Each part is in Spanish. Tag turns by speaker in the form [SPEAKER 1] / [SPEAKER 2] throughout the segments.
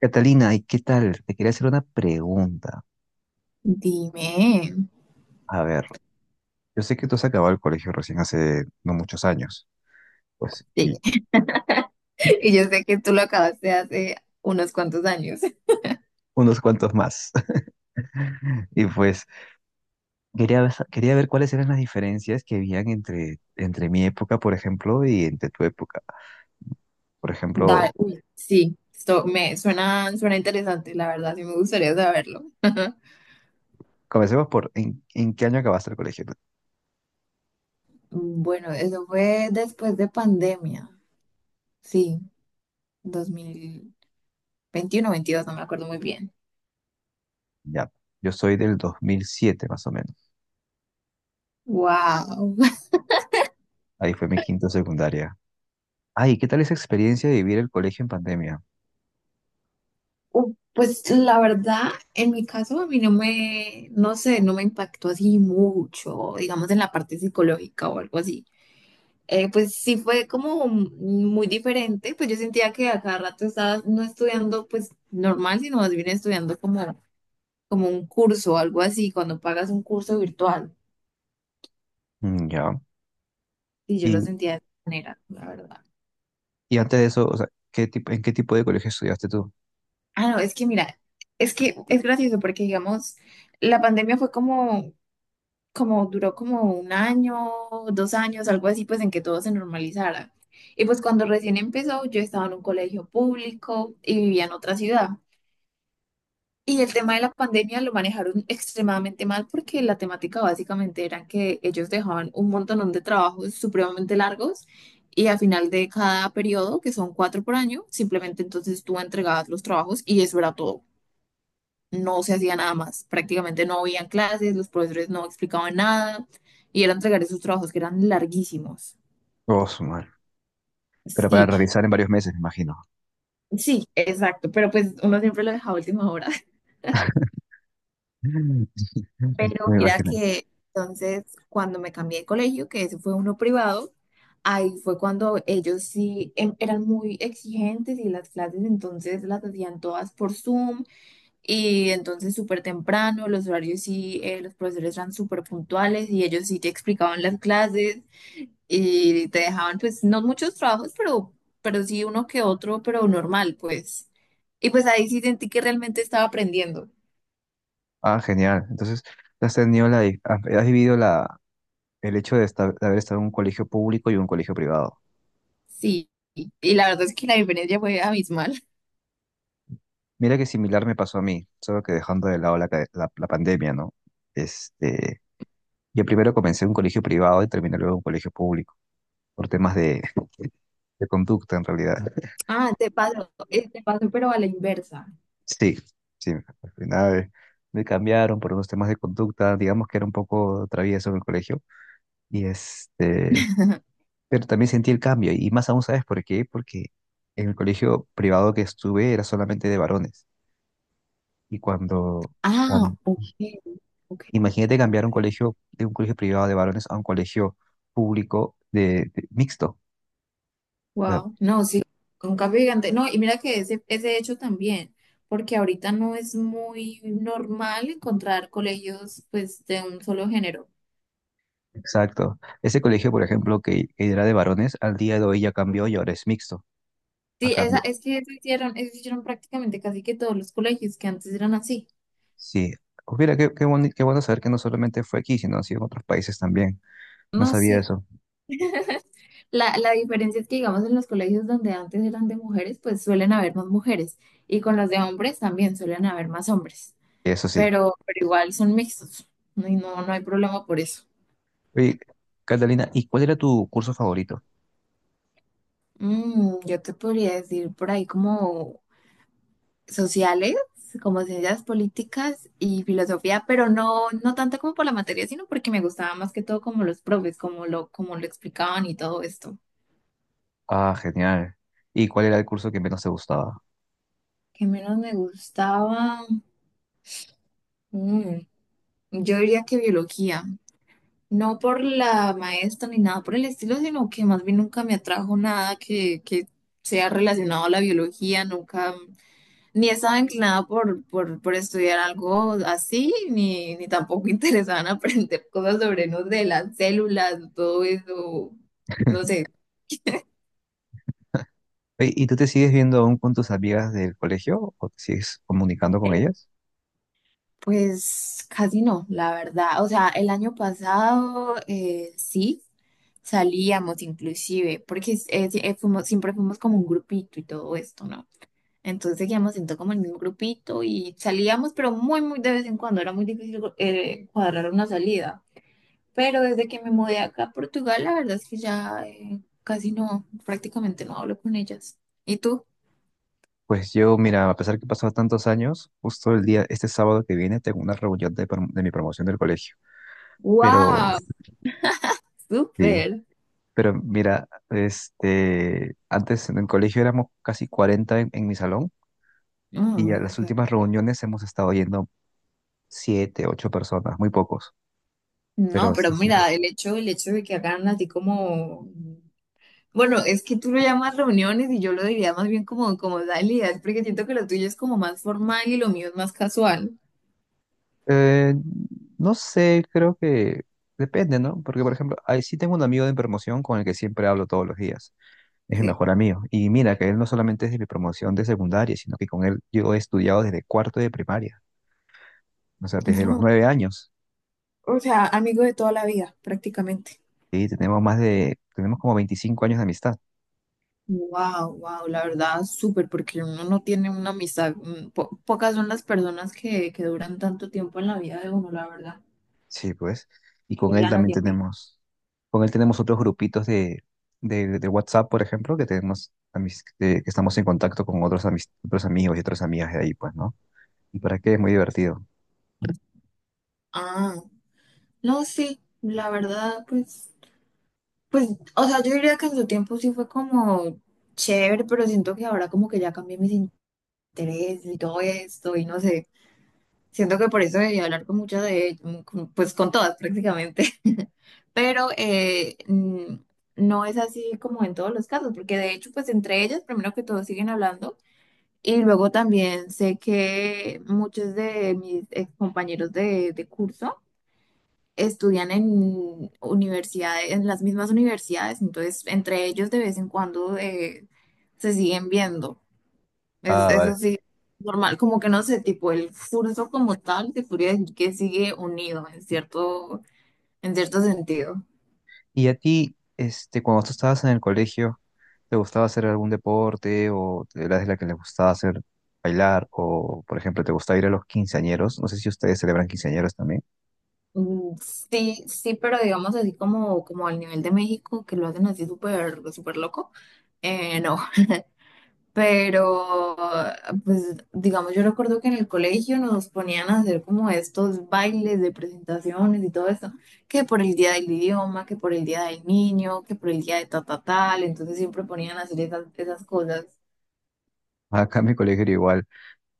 [SPEAKER 1] Catalina, ¿y qué tal? Te quería hacer una pregunta.
[SPEAKER 2] Dime.
[SPEAKER 1] A ver, yo sé que tú has acabado el colegio recién hace no muchos años, pues, y
[SPEAKER 2] Sí. Y yo sé que tú lo acabaste hace unos cuantos años.
[SPEAKER 1] unos cuantos más. Y pues, quería ver cuáles eran las diferencias que habían entre mi época, por ejemplo, y entre tu época. Por
[SPEAKER 2] Dale.
[SPEAKER 1] ejemplo,
[SPEAKER 2] Uy, sí, esto me suena interesante, la verdad, sí me gustaría saberlo.
[SPEAKER 1] comencemos por, ¿en qué año acabaste el colegio tú?
[SPEAKER 2] Bueno, eso fue después de pandemia. Sí, 2021, 22, no me acuerdo muy bien.
[SPEAKER 1] Ya, yo soy del 2007, más o menos.
[SPEAKER 2] Wow.
[SPEAKER 1] Ahí fue mi quinto secundaria. Ay, ¿qué tal esa experiencia de vivir el colegio en pandemia?
[SPEAKER 2] Pues la verdad, en mi caso a mí no me, no sé, no me impactó así mucho, digamos en la parte psicológica o algo así. Pues sí fue como muy diferente, pues yo sentía que a cada rato estaba no estudiando pues normal, sino más bien estudiando como un curso algo así, cuando pagas un curso virtual.
[SPEAKER 1] Mm, ya.
[SPEAKER 2] Y yo lo sentía de esa manera, la verdad.
[SPEAKER 1] Y antes de eso, o sea, en qué tipo de colegio estudiaste tú?
[SPEAKER 2] Ah, no, es que mira, es que es gracioso porque digamos, la pandemia fue como duró como un año, 2 años, algo así, pues en que todo se normalizara. Y pues cuando recién empezó, yo estaba en un colegio público y vivía en otra ciudad. Y el tema de la pandemia lo manejaron extremadamente mal porque la temática básicamente era que ellos dejaban un montón de trabajos supremamente largos y al final de cada periodo, que son 4 por año, simplemente entonces tú entregabas los trabajos y eso era todo. No se hacía nada más. Prácticamente no habían clases, los profesores no explicaban nada y era entregar esos trabajos que eran larguísimos.
[SPEAKER 1] Oh, su madre. Pero para
[SPEAKER 2] Sí,
[SPEAKER 1] realizar en varios meses, me imagino.
[SPEAKER 2] sí, exacto, pero pues uno siempre lo dejaba a última hora.
[SPEAKER 1] Mm.
[SPEAKER 2] Pero
[SPEAKER 1] Me
[SPEAKER 2] mira
[SPEAKER 1] imagino.
[SPEAKER 2] que entonces cuando me cambié de colegio, que ese fue uno privado, ahí fue cuando ellos sí eran muy exigentes y las clases entonces las hacían todas por Zoom y entonces súper temprano, los horarios sí, los profesores eran súper puntuales y ellos sí te explicaban las clases y te dejaban pues no muchos trabajos, pero sí uno que otro, pero normal pues. Y pues ahí sí sentí que realmente estaba aprendiendo.
[SPEAKER 1] Ah, genial. Entonces, has vivido el hecho de, de haber estado en un colegio público y un colegio privado.
[SPEAKER 2] Sí, y la verdad es que la diferencia fue abismal.
[SPEAKER 1] Mira que similar me pasó a mí, solo que dejando de lado la pandemia, ¿no? Este, yo primero comencé en un colegio privado y terminé luego en un colegio público, por temas de conducta en realidad.
[SPEAKER 2] Ah, te paso, pero a la inversa.
[SPEAKER 1] Sí, sí, al final me cambiaron por unos temas de conducta, digamos que era un poco travieso en el colegio, y este, pero también sentí el cambio, y más aún, ¿sabes por qué? Porque en el colegio privado que estuve era solamente de varones, y cuando,
[SPEAKER 2] Ah,
[SPEAKER 1] cam-
[SPEAKER 2] ok, ok,
[SPEAKER 1] imagínate cambiar un
[SPEAKER 2] interesante.
[SPEAKER 1] colegio, de un colegio privado de varones a un colegio público de, mixto. Claro.
[SPEAKER 2] Wow, no, sí, con cambio gigante. No, y mira que ese hecho también, porque ahorita no es muy normal encontrar colegios pues de un solo género.
[SPEAKER 1] Exacto. Ese colegio, por ejemplo, que era de varones, al día de hoy ya cambió y ahora es mixto.
[SPEAKER 2] Sí, esa, es que eso hicieron prácticamente casi que todos los colegios que antes eran así.
[SPEAKER 1] Sí. Pues mira, qué bueno saber que no solamente fue aquí, sino así en otros países también. No
[SPEAKER 2] No,
[SPEAKER 1] sabía
[SPEAKER 2] sí,
[SPEAKER 1] eso.
[SPEAKER 2] la diferencia es que, digamos, en los colegios donde antes eran de mujeres, pues suelen haber más mujeres. Y con los de hombres también suelen haber más hombres.
[SPEAKER 1] Eso sí.
[SPEAKER 2] Pero igual son mixtos. No, y no, no hay problema por eso.
[SPEAKER 1] Oye, Catalina, ¿y cuál era tu curso favorito?
[SPEAKER 2] Yo te podría decir por ahí como sociales, como ciencias políticas y filosofía, pero no, no tanto como por la materia, sino porque me gustaba más que todo como los profes, como lo explicaban y todo esto.
[SPEAKER 1] Ah, genial. ¿Y cuál era el curso que menos te gustaba?
[SPEAKER 2] ¿Qué menos me gustaba? Mm, yo diría que biología. No por la maestra ni nada por el estilo, sino que más bien nunca me atrajo nada que sea relacionado a la biología, nunca, ni estaba inclinada por estudiar algo así, ni tampoco interesada en aprender cosas sobre, no sé, las células, todo eso, no sé,
[SPEAKER 1] Oye, ¿y tú te sigues viendo aún con tus amigas del colegio o te sigues comunicando con ellas?
[SPEAKER 2] pues casi no, la verdad. O sea, el año pasado sí. Salíamos inclusive, porque sí, siempre fuimos como un grupito y todo esto, ¿no? Entonces seguíamos siendo como el mismo grupito y salíamos, pero muy, muy de vez en cuando. Era muy difícil cuadrar una salida. Pero desde que me mudé acá a Portugal, la verdad es que ya casi no, prácticamente no hablo con ellas. ¿Y tú?
[SPEAKER 1] Pues yo, mira, a pesar que pasaron tantos años, justo el día, este sábado que viene, tengo una reunión de, de mi promoción del colegio. Pero
[SPEAKER 2] ¡Wow!
[SPEAKER 1] sí,
[SPEAKER 2] ¡Súper!
[SPEAKER 1] pero mira, este, antes en el colegio éramos casi 40 en mi salón y
[SPEAKER 2] Ah,
[SPEAKER 1] a las
[SPEAKER 2] ok.
[SPEAKER 1] últimas reuniones hemos estado yendo 7 u 8 personas, muy pocos.
[SPEAKER 2] No,
[SPEAKER 1] Pero
[SPEAKER 2] pero
[SPEAKER 1] sí, sí.
[SPEAKER 2] mira, el hecho de que hagan así como... Bueno, es que tú lo llamas reuniones y yo lo diría más bien como salidas, porque siento que lo tuyo es como más formal y lo mío es más casual.
[SPEAKER 1] Eh, no sé, creo que depende, ¿no? Porque, por ejemplo, ahí sí tengo un amigo de promoción con el que siempre hablo todos los días. Es mi
[SPEAKER 2] Sí.
[SPEAKER 1] mejor amigo. Y mira, que él no solamente es de mi promoción de secundaria, sino que con él yo he estudiado desde cuarto de primaria, o sea, desde los 9 años.
[SPEAKER 2] O sea, amigos de toda la vida, prácticamente.
[SPEAKER 1] Y tenemos más de, tenemos como 25 años de amistad.
[SPEAKER 2] Wow, wow, la verdad, súper, porque uno no tiene una amistad, pocas son las personas que duran tanto tiempo en la vida de uno, la verdad,
[SPEAKER 1] Sí, pues. Y con
[SPEAKER 2] que
[SPEAKER 1] él
[SPEAKER 2] ya no
[SPEAKER 1] también
[SPEAKER 2] de amigos.
[SPEAKER 1] tenemos, con él tenemos otros grupitos de WhatsApp, por ejemplo, que tenemos que estamos en contacto con otros, otros amigos y otras amigas de ahí, pues, ¿no? ¿Y para qué? Es muy divertido.
[SPEAKER 2] Ah, no, sí, la verdad, pues, o sea, yo diría que en su tiempo sí fue como chévere, pero siento que ahora como que ya cambié mis intereses y todo esto, y no sé. Siento que por eso debí hablar con muchas de ellas, pues con todas prácticamente. Pero no es así como en todos los casos, porque de hecho, pues entre ellas, primero que todo, siguen hablando. Y luego también sé que muchos de mis ex compañeros de curso estudian en universidades, en las mismas universidades, entonces entre ellos de vez en cuando se siguen viendo. Es,
[SPEAKER 1] Ah,
[SPEAKER 2] eso
[SPEAKER 1] vale.
[SPEAKER 2] sí, normal, como que no sé, tipo el curso como tal, te podría decir que sigue unido en cierto sentido.
[SPEAKER 1] Y a ti, este, cuando tú estabas en el colegio, ¿te gustaba hacer algún deporte o eras de la que le gustaba hacer bailar o, por ejemplo, te gustaba ir a los quinceañeros? No sé si ustedes celebran quinceañeros también.
[SPEAKER 2] Mm, Sí, sí, pero digamos así como, como al nivel de México, que lo hacen así súper, súper loco, no, pero pues digamos, yo recuerdo que en el colegio nos ponían a hacer como estos bailes de presentaciones y todo eso, que por el día del idioma, que por el día del niño, que por el día de ta, ta, tal, entonces siempre ponían a hacer esas cosas.
[SPEAKER 1] Acá en mi colegio era igual.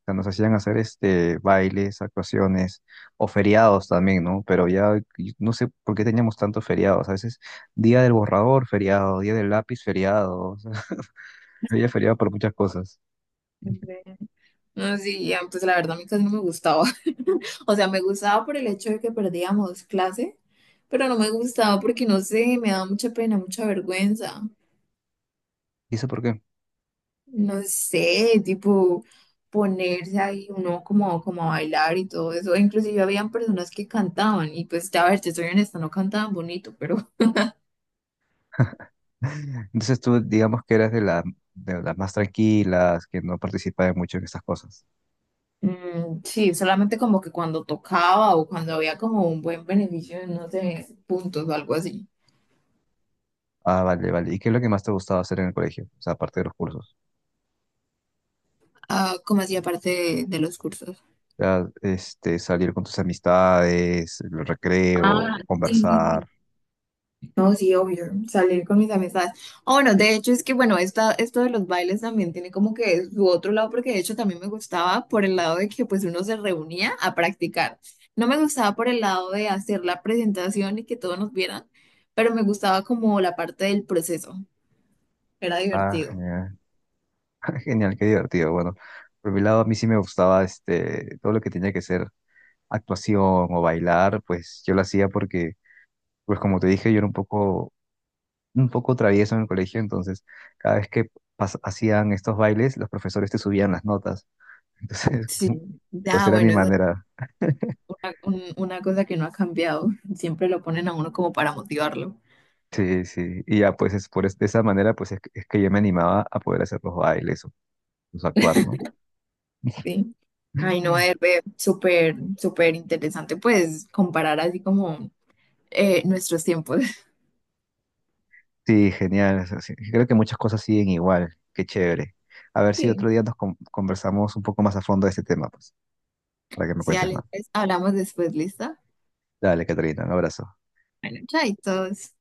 [SPEAKER 1] Sea, nos hacían hacer este bailes, actuaciones o feriados también, ¿no? Pero ya no sé por qué teníamos tantos feriados. A veces día del borrador, feriado, día del lápiz, feriado. O sea, había feriado por muchas cosas.
[SPEAKER 2] Siempre. No, sí, ya, pues la verdad a mí casi no me gustaba. O sea, me gustaba por el hecho de que perdíamos clase, pero no me gustaba porque, no sé, me daba mucha pena, mucha vergüenza.
[SPEAKER 1] ¿Y eso por qué?
[SPEAKER 2] No sé, tipo ponerse ahí uno como a bailar y todo eso. Inclusive habían personas que cantaban y pues, a ver, te soy honesta, no cantaban bonito, pero
[SPEAKER 1] Entonces tú, digamos que eras de de las más tranquilas, que no participabas mucho en estas cosas.
[SPEAKER 2] sí, solamente como que cuando tocaba o cuando había como un buen beneficio, no sé, puntos o algo así.
[SPEAKER 1] Ah, vale, vale. ¿Y qué es lo que más te gustaba hacer en el colegio? O sea, aparte de los cursos.
[SPEAKER 2] Ah, ¿como hacía parte de los cursos?
[SPEAKER 1] O sea, este, salir con tus amistades, el
[SPEAKER 2] Ah,
[SPEAKER 1] recreo,
[SPEAKER 2] sí, sí,
[SPEAKER 1] conversar.
[SPEAKER 2] sí. No, sí, obvio, salir con mis amistades. Oh, bueno, de hecho es que, bueno, esto de los bailes también tiene como que su otro lado, porque de hecho también me gustaba por el lado de que pues uno se reunía a practicar. No me gustaba por el lado de hacer la presentación y que todos nos vieran, pero me gustaba como la parte del proceso. Era
[SPEAKER 1] Ah,
[SPEAKER 2] divertido.
[SPEAKER 1] genial. Genial, qué divertido. Bueno, por mi lado a mí sí me gustaba este todo lo que tenía que ser actuación o bailar, pues yo lo hacía porque, pues como te dije, yo era un poco travieso en el colegio, entonces cada vez que hacían estos bailes, los profesores te subían las notas. Entonces,
[SPEAKER 2] Sí.
[SPEAKER 1] pues
[SPEAKER 2] Ah,
[SPEAKER 1] era mi
[SPEAKER 2] bueno, esa es
[SPEAKER 1] manera.
[SPEAKER 2] una cosa que no ha cambiado. Siempre lo ponen a uno como para motivarlo.
[SPEAKER 1] Sí, sí. Y ya pues es por de esa manera, es que yo me animaba a poder hacer los bailes o, pues, actuar, ¿no?
[SPEAKER 2] Sí. Ay, no, es súper, súper interesante, pues, comparar así como nuestros tiempos.
[SPEAKER 1] Sí, genial. O sea, sí, creo que muchas cosas siguen igual. Qué chévere. A ver si
[SPEAKER 2] Sí.
[SPEAKER 1] otro día nos conversamos un poco más a fondo de este tema, pues, para que me
[SPEAKER 2] Sí,
[SPEAKER 1] cuentes
[SPEAKER 2] Ale,
[SPEAKER 1] más.
[SPEAKER 2] entonces hablamos después, ¿listo?
[SPEAKER 1] Dale, Caterina, un abrazo.
[SPEAKER 2] Bueno, chaitos.